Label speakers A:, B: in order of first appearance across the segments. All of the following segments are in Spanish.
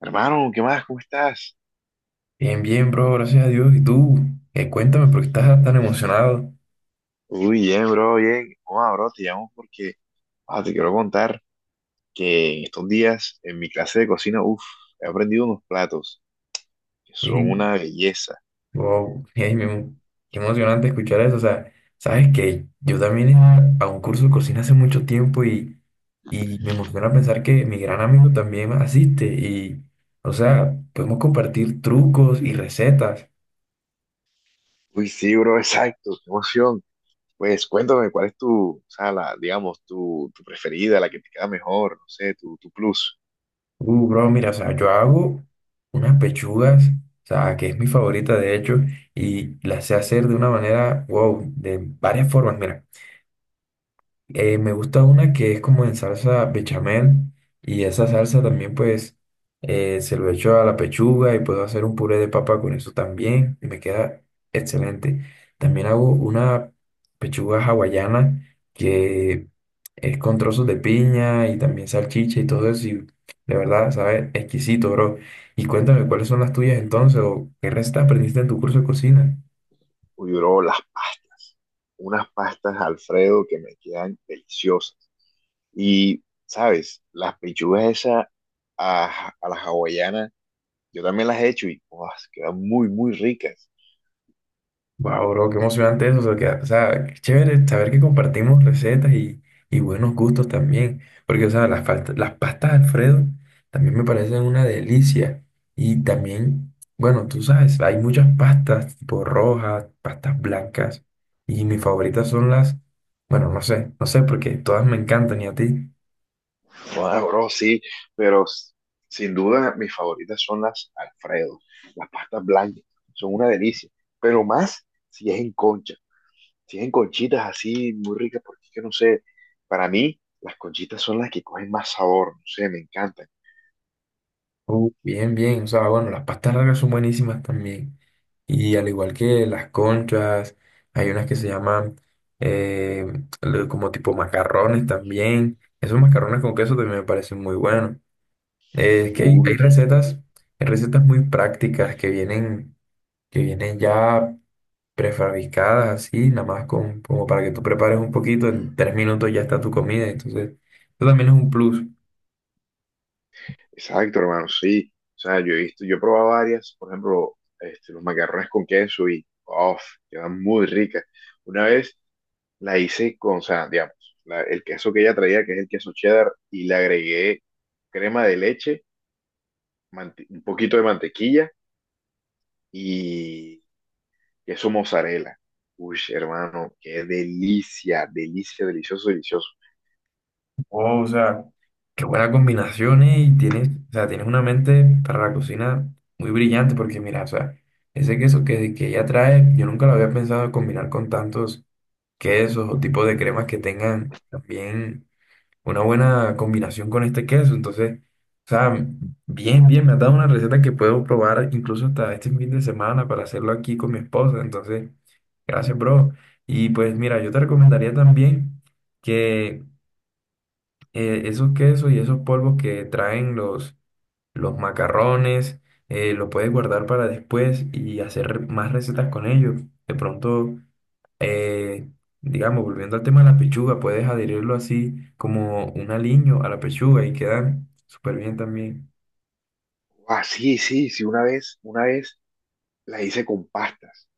A: Hermano, ¿qué más? ¿Cómo estás?
B: Bien, bien, bro, gracias a Dios. ¿Y tú? Cuéntame, ¿por qué estás tan emocionado?
A: Uy, bien, bro, bien. Hola, bro, te llamo porque te quiero contar que en estos días en mi clase de cocina, uff, he aprendido unos platos que son
B: Sí,
A: una belleza.
B: wow, ey, qué emocionante escuchar eso. O sea, sabes que yo también iba a un curso de cocina hace mucho tiempo y me emociona pensar que mi gran amigo también asiste. Y, o sea, podemos compartir trucos y recetas.
A: Uy, sí, bro, exacto, qué emoción. Pues cuéntame, ¿cuál es tu, o sea, la, digamos, tu preferida, la que te queda mejor, no sé, tu plus?
B: Bro, mira, o sea, yo hago unas pechugas, o sea, que es mi favorita de hecho, y las sé hacer de una manera, wow, de varias formas. Mira. Me gusta una que es como en salsa bechamel y esa salsa también pues se lo echo a la pechuga y puedo hacer un puré de papa con eso también y me queda excelente. También hago una pechuga hawaiana que es con trozos de piña y también salchicha y todo eso y de verdad sabe exquisito, bro. Y cuéntame cuáles son las tuyas entonces o qué recetas aprendiste en tu curso de cocina.
A: Uy, bro, las pastas. Unas pastas Alfredo que me quedan deliciosas. Y ¿sabes? Las pechugas esas a la hawaiana yo también las he hecho, y ¡guau!, quedan muy, muy ricas.
B: Wow, bro, qué emocionante eso. O sea, que, o sea, qué chévere saber que compartimos recetas y buenos gustos también. Porque, o sea, las, las pastas Alfredo también me parecen una delicia. Y también, bueno, tú sabes, hay muchas pastas, tipo rojas, pastas blancas. Y mis favoritas son las, bueno, no sé, porque todas me encantan y a ti.
A: Wow, bro, sí, pero sin duda mis favoritas son las Alfredo, las pastas blancas, son una delicia, pero más si es en concha, si es en conchitas así muy ricas, porque es que no sé, para mí las conchitas son las que cogen más sabor, no sé, me encantan.
B: Bien, bien. O sea, bueno, las pastas largas son buenísimas también. Y al igual que las conchas, hay unas que se llaman eh, como tipo macarrones también. Esos macarrones con queso también me parecen muy buenos. Es que
A: Uy, sí,
B: hay recetas muy prácticas que vienen ya prefabricadas así, nada más con, como para que tú prepares un poquito, en tres minutos ya está tu comida. Entonces, eso también es un plus.
A: exacto, hermano, sí. O sea, yo he visto, yo he probado varias, por ejemplo, este, los macarrones con queso y, uff, quedan muy ricas. Una vez la hice con, o sea, digamos, el queso que ella traía, que es el queso cheddar, y le agregué crema de leche, un poquito de mantequilla y queso mozzarella. Uy, hermano, qué delicia, delicia, delicioso, delicioso.
B: Oh, o sea. Qué buenas combinaciones y tienes, o sea, tienes una mente para la cocina muy brillante, porque mira, o sea, ese queso que ella trae, yo nunca lo había pensado combinar con tantos quesos o tipos de cremas que tengan también una buena combinación con este queso. Entonces, o sea, bien, bien, me has dado una receta que puedo probar incluso hasta este fin de semana para hacerlo aquí con mi esposa. Entonces, gracias, bro. Y pues mira, yo te recomendaría también que esos quesos y esos polvos que traen los macarrones, los puedes guardar para después y hacer más recetas con ellos. De pronto, eh, digamos, volviendo al tema de la pechuga, puedes adherirlo así como un aliño a la pechuga y quedan súper bien también.
A: Ah, sí, sí, sí, una vez la hice con pastas.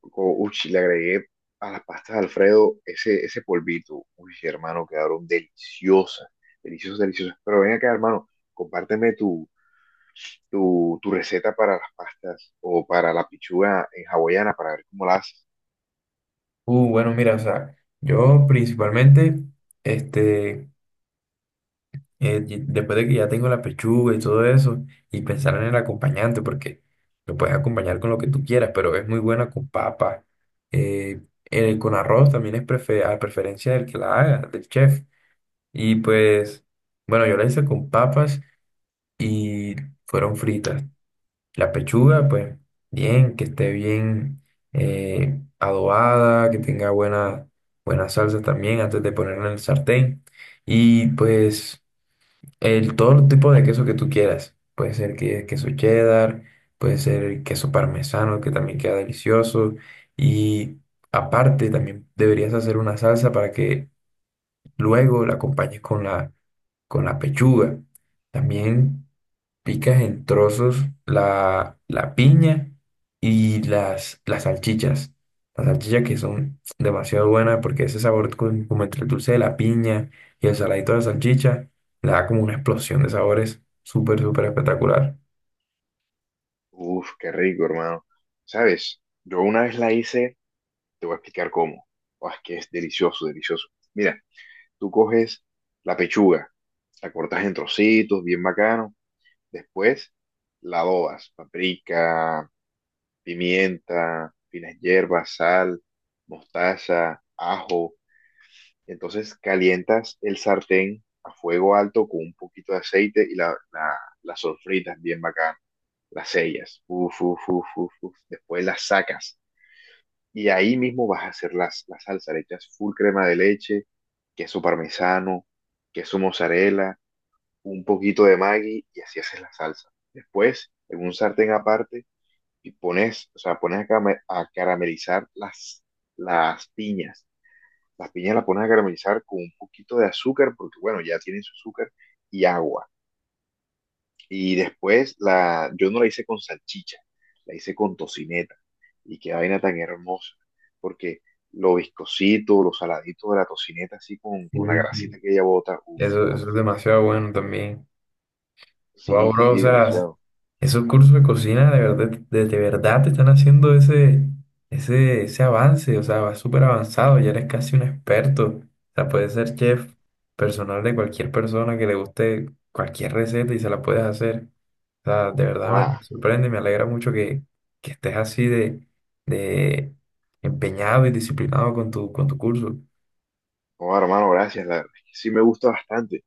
A: Uy, le agregué a las pastas de Alfredo ese polvito. Uy, hermano, quedaron deliciosas, deliciosas, deliciosas. Pero ven acá, hermano, compárteme tu receta para las pastas o para la pichuga en hawaiana para ver cómo la haces.
B: Bueno, mira, o sea, yo principalmente, este... y después de que ya tengo la pechuga y todo eso, y pensar en el acompañante, porque lo puedes acompañar con lo que tú quieras, pero es muy buena con papa. Eh, con arroz también es a preferencia del que la haga, del chef. Y pues, bueno, yo la hice con papas y fueron fritas. La pechuga, pues, bien, que esté bien adobada, que tenga buena salsa también antes de ponerla en el sartén. Y pues... todo el tipo de queso que tú quieras. Puede ser que, queso cheddar, puede ser queso parmesano, que también queda delicioso. Y aparte, también deberías hacer una salsa para que luego la acompañes con con la pechuga. También. Picas en trozos la piña y las salchichas. Las salchichas que son demasiado buenas porque ese sabor como entre el dulce de la piña y el saladito de la salchicha le da como una explosión de sabores súper, súper espectacular.
A: Uf, qué rico, hermano. ¿Sabes? Yo una vez la hice, te voy a explicar cómo. Oh, es que es delicioso, delicioso. Mira, tú coges la pechuga, la cortas en trocitos, bien bacano. Después la adobas: paprika, pimienta, finas hierbas, sal, mostaza, ajo. Entonces calientas el sartén a fuego alto con un poquito de aceite y la sofritas bien bacán, las sellas, uf, uf, uf, uf, uf. Después las sacas y ahí mismo vas a hacer la salsa, le echas full crema de leche, queso parmesano, queso mozzarella, un poquito de Maggi, y así haces la salsa. Después, en un sartén aparte, y pones, o sea, pones a, a caramelizar las piñas, la piña la pones a caramelizar con un poquito de azúcar, porque bueno, ya tiene su azúcar y agua. Y después la, yo no la hice con salchicha, la hice con tocineta. Y qué vaina tan hermosa, porque lo viscosito, lo saladito de la tocineta, así con la
B: Sí, sí.
A: grasita que ella bota, uff, uff.
B: Eso es demasiado bueno también.
A: Sí,
B: Wow, bro, o
A: sí,
B: sea,
A: demasiado.
B: esos cursos de cocina de verdad, de verdad te están haciendo ese avance, o sea, vas súper avanzado, ya eres casi un experto, o sea, puedes ser chef personal de cualquier persona que le guste cualquier receta y se la puedes hacer, o sea, de verdad me
A: Wow,
B: sorprende, me alegra mucho que estés así de empeñado y disciplinado con tu curso.
A: wow, hermano, gracias, la verdad es que sí me gusta bastante.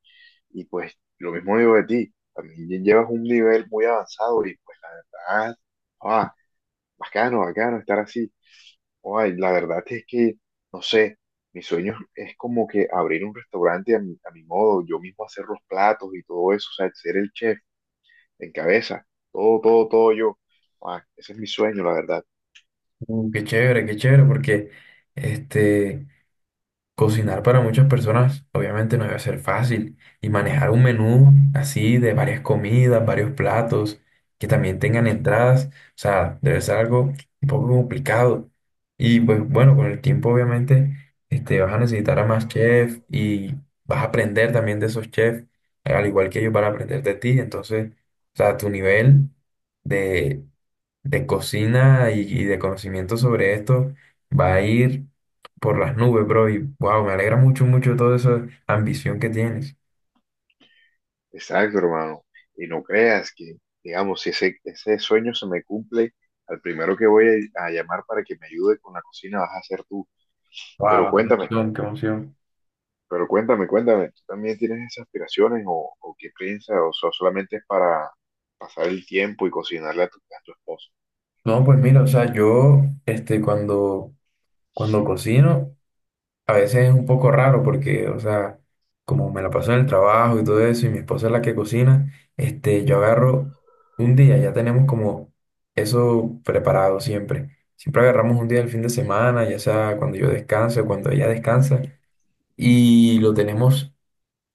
A: Y pues lo mismo digo de ti, también llevas un nivel muy avanzado y pues la verdad, wow, bacano, bacano estar así. Ay, la verdad es que, no sé, mi sueño es como que abrir un restaurante a a mi modo, yo mismo hacer los platos y todo eso, o sea, ser el chef en cabeza, todo, todo, todo yo. Ah, ese es mi sueño, la verdad.
B: Qué chévere, qué chévere, porque este... Cocinar para muchas personas obviamente no debe ser fácil y manejar un menú así de varias comidas, varios platos que también tengan entradas, o sea, debe ser algo un poco complicado. Y pues bueno, con el tiempo obviamente vas a necesitar a más chefs y vas a aprender también de esos chefs, al igual que ellos van a aprender de ti. Entonces, o sea, tu nivel de cocina y de conocimiento sobre esto va a ir por las nubes, bro. Y wow, me alegra mucho, mucho toda esa ambición que tienes.
A: Exacto, hermano. Y no creas que, digamos, si ese sueño se me cumple, al primero que voy a llamar para que me ayude con la cocina vas a ser tú. Pero
B: Wow,
A: cuéntame,
B: qué emoción, qué emoción.
A: Pero cuéntame, cuéntame, ¿tú también tienes esas aspiraciones o qué piensas? ¿O solamente es para pasar el tiempo y cocinarle a a tu esposo?
B: No, pues mira, o sea, yo, este, cuando cocino. A veces es un poco raro porque, o sea, como me la paso en el trabajo y todo eso, y mi esposa es la que cocina, este, yo agarro un día, ya tenemos como eso preparado siempre. Siempre agarramos un día del fin de semana, ya sea cuando yo descanso, cuando ella descansa, y lo tenemos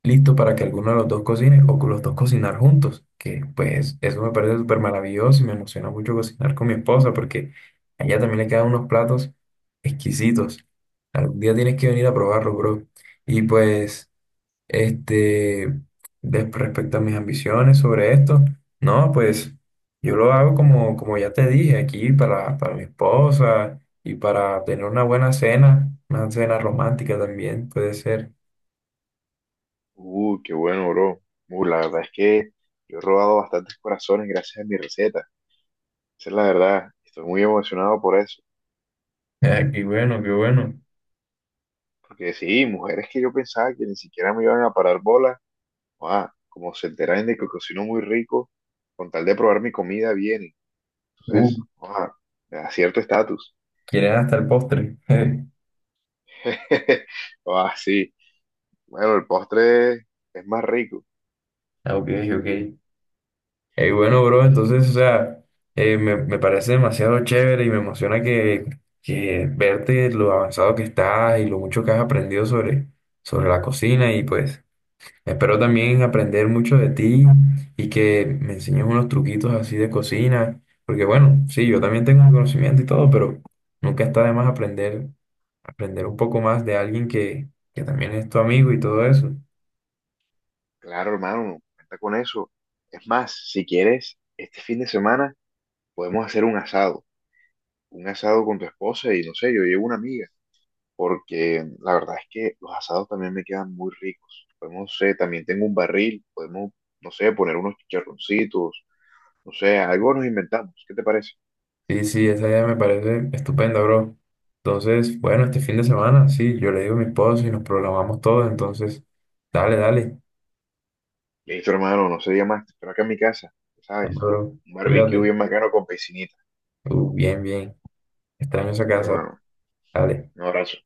B: listo para que alguno de los dos cocine o que los dos cocinar juntos, que pues eso me parece súper maravilloso y me emociona mucho cocinar con mi esposa porque a ella también le quedan unos platos exquisitos. Algún día tienes que venir a probarlo, bro. Y pues, este, respecto a mis ambiciones sobre esto, no, pues yo lo hago como, como ya te dije, aquí para mi esposa y para tener una buena cena, una cena romántica también puede ser.
A: Qué bueno, bro. La verdad es que yo he robado bastantes corazones gracias a mi receta. Esa es la verdad. Estoy muy emocionado por eso.
B: Ah, qué bueno, qué bueno.
A: Porque sí, mujeres que yo pensaba que ni siquiera me iban a parar bola, ah, como se enteran de que cocino muy rico, con tal de probar mi comida vienen.
B: Uh,
A: Entonces, ah, me da cierto estatus.
B: Quieren hasta el postre.
A: Ah, sí. Bueno, el postre es más rico.
B: Ah, ok, ok. Bueno,
A: Y
B: bro,
A: que,
B: entonces, o sea, me parece demasiado chévere y me emociona que verte lo avanzado que estás y lo mucho que has aprendido sobre la cocina y pues espero también aprender mucho de ti y que me enseñes unos truquitos así de cocina, porque bueno, sí, yo también tengo un conocimiento y todo, pero nunca está de más aprender, aprender un poco más de alguien que también es tu amigo y todo eso.
A: claro, hermano, cuenta con eso. Es más, si quieres, este fin de semana podemos hacer un asado. Un asado con tu esposa y no sé, yo llevo una amiga. Porque la verdad es que los asados también me quedan muy ricos. Podemos, no sé, también tengo un barril. Podemos, no sé, poner unos chicharroncitos. No sé, algo nos inventamos. ¿Qué te parece?
B: Sí, sí, esa idea me parece estupenda, bro. Entonces, bueno, este fin de semana, sí, yo le digo a mi esposo y nos programamos todos, entonces, dale, dale.
A: Listo, hermano, no se diga más. Te espero acá en mi casa, ya
B: Dale,
A: ¿sabes?
B: bro,
A: Un barbecue
B: cuídate.
A: bien bacano con piscinita.
B: Bien, bien, extraño esa
A: Listo,
B: casa,
A: hermano.
B: dale.
A: Un abrazo.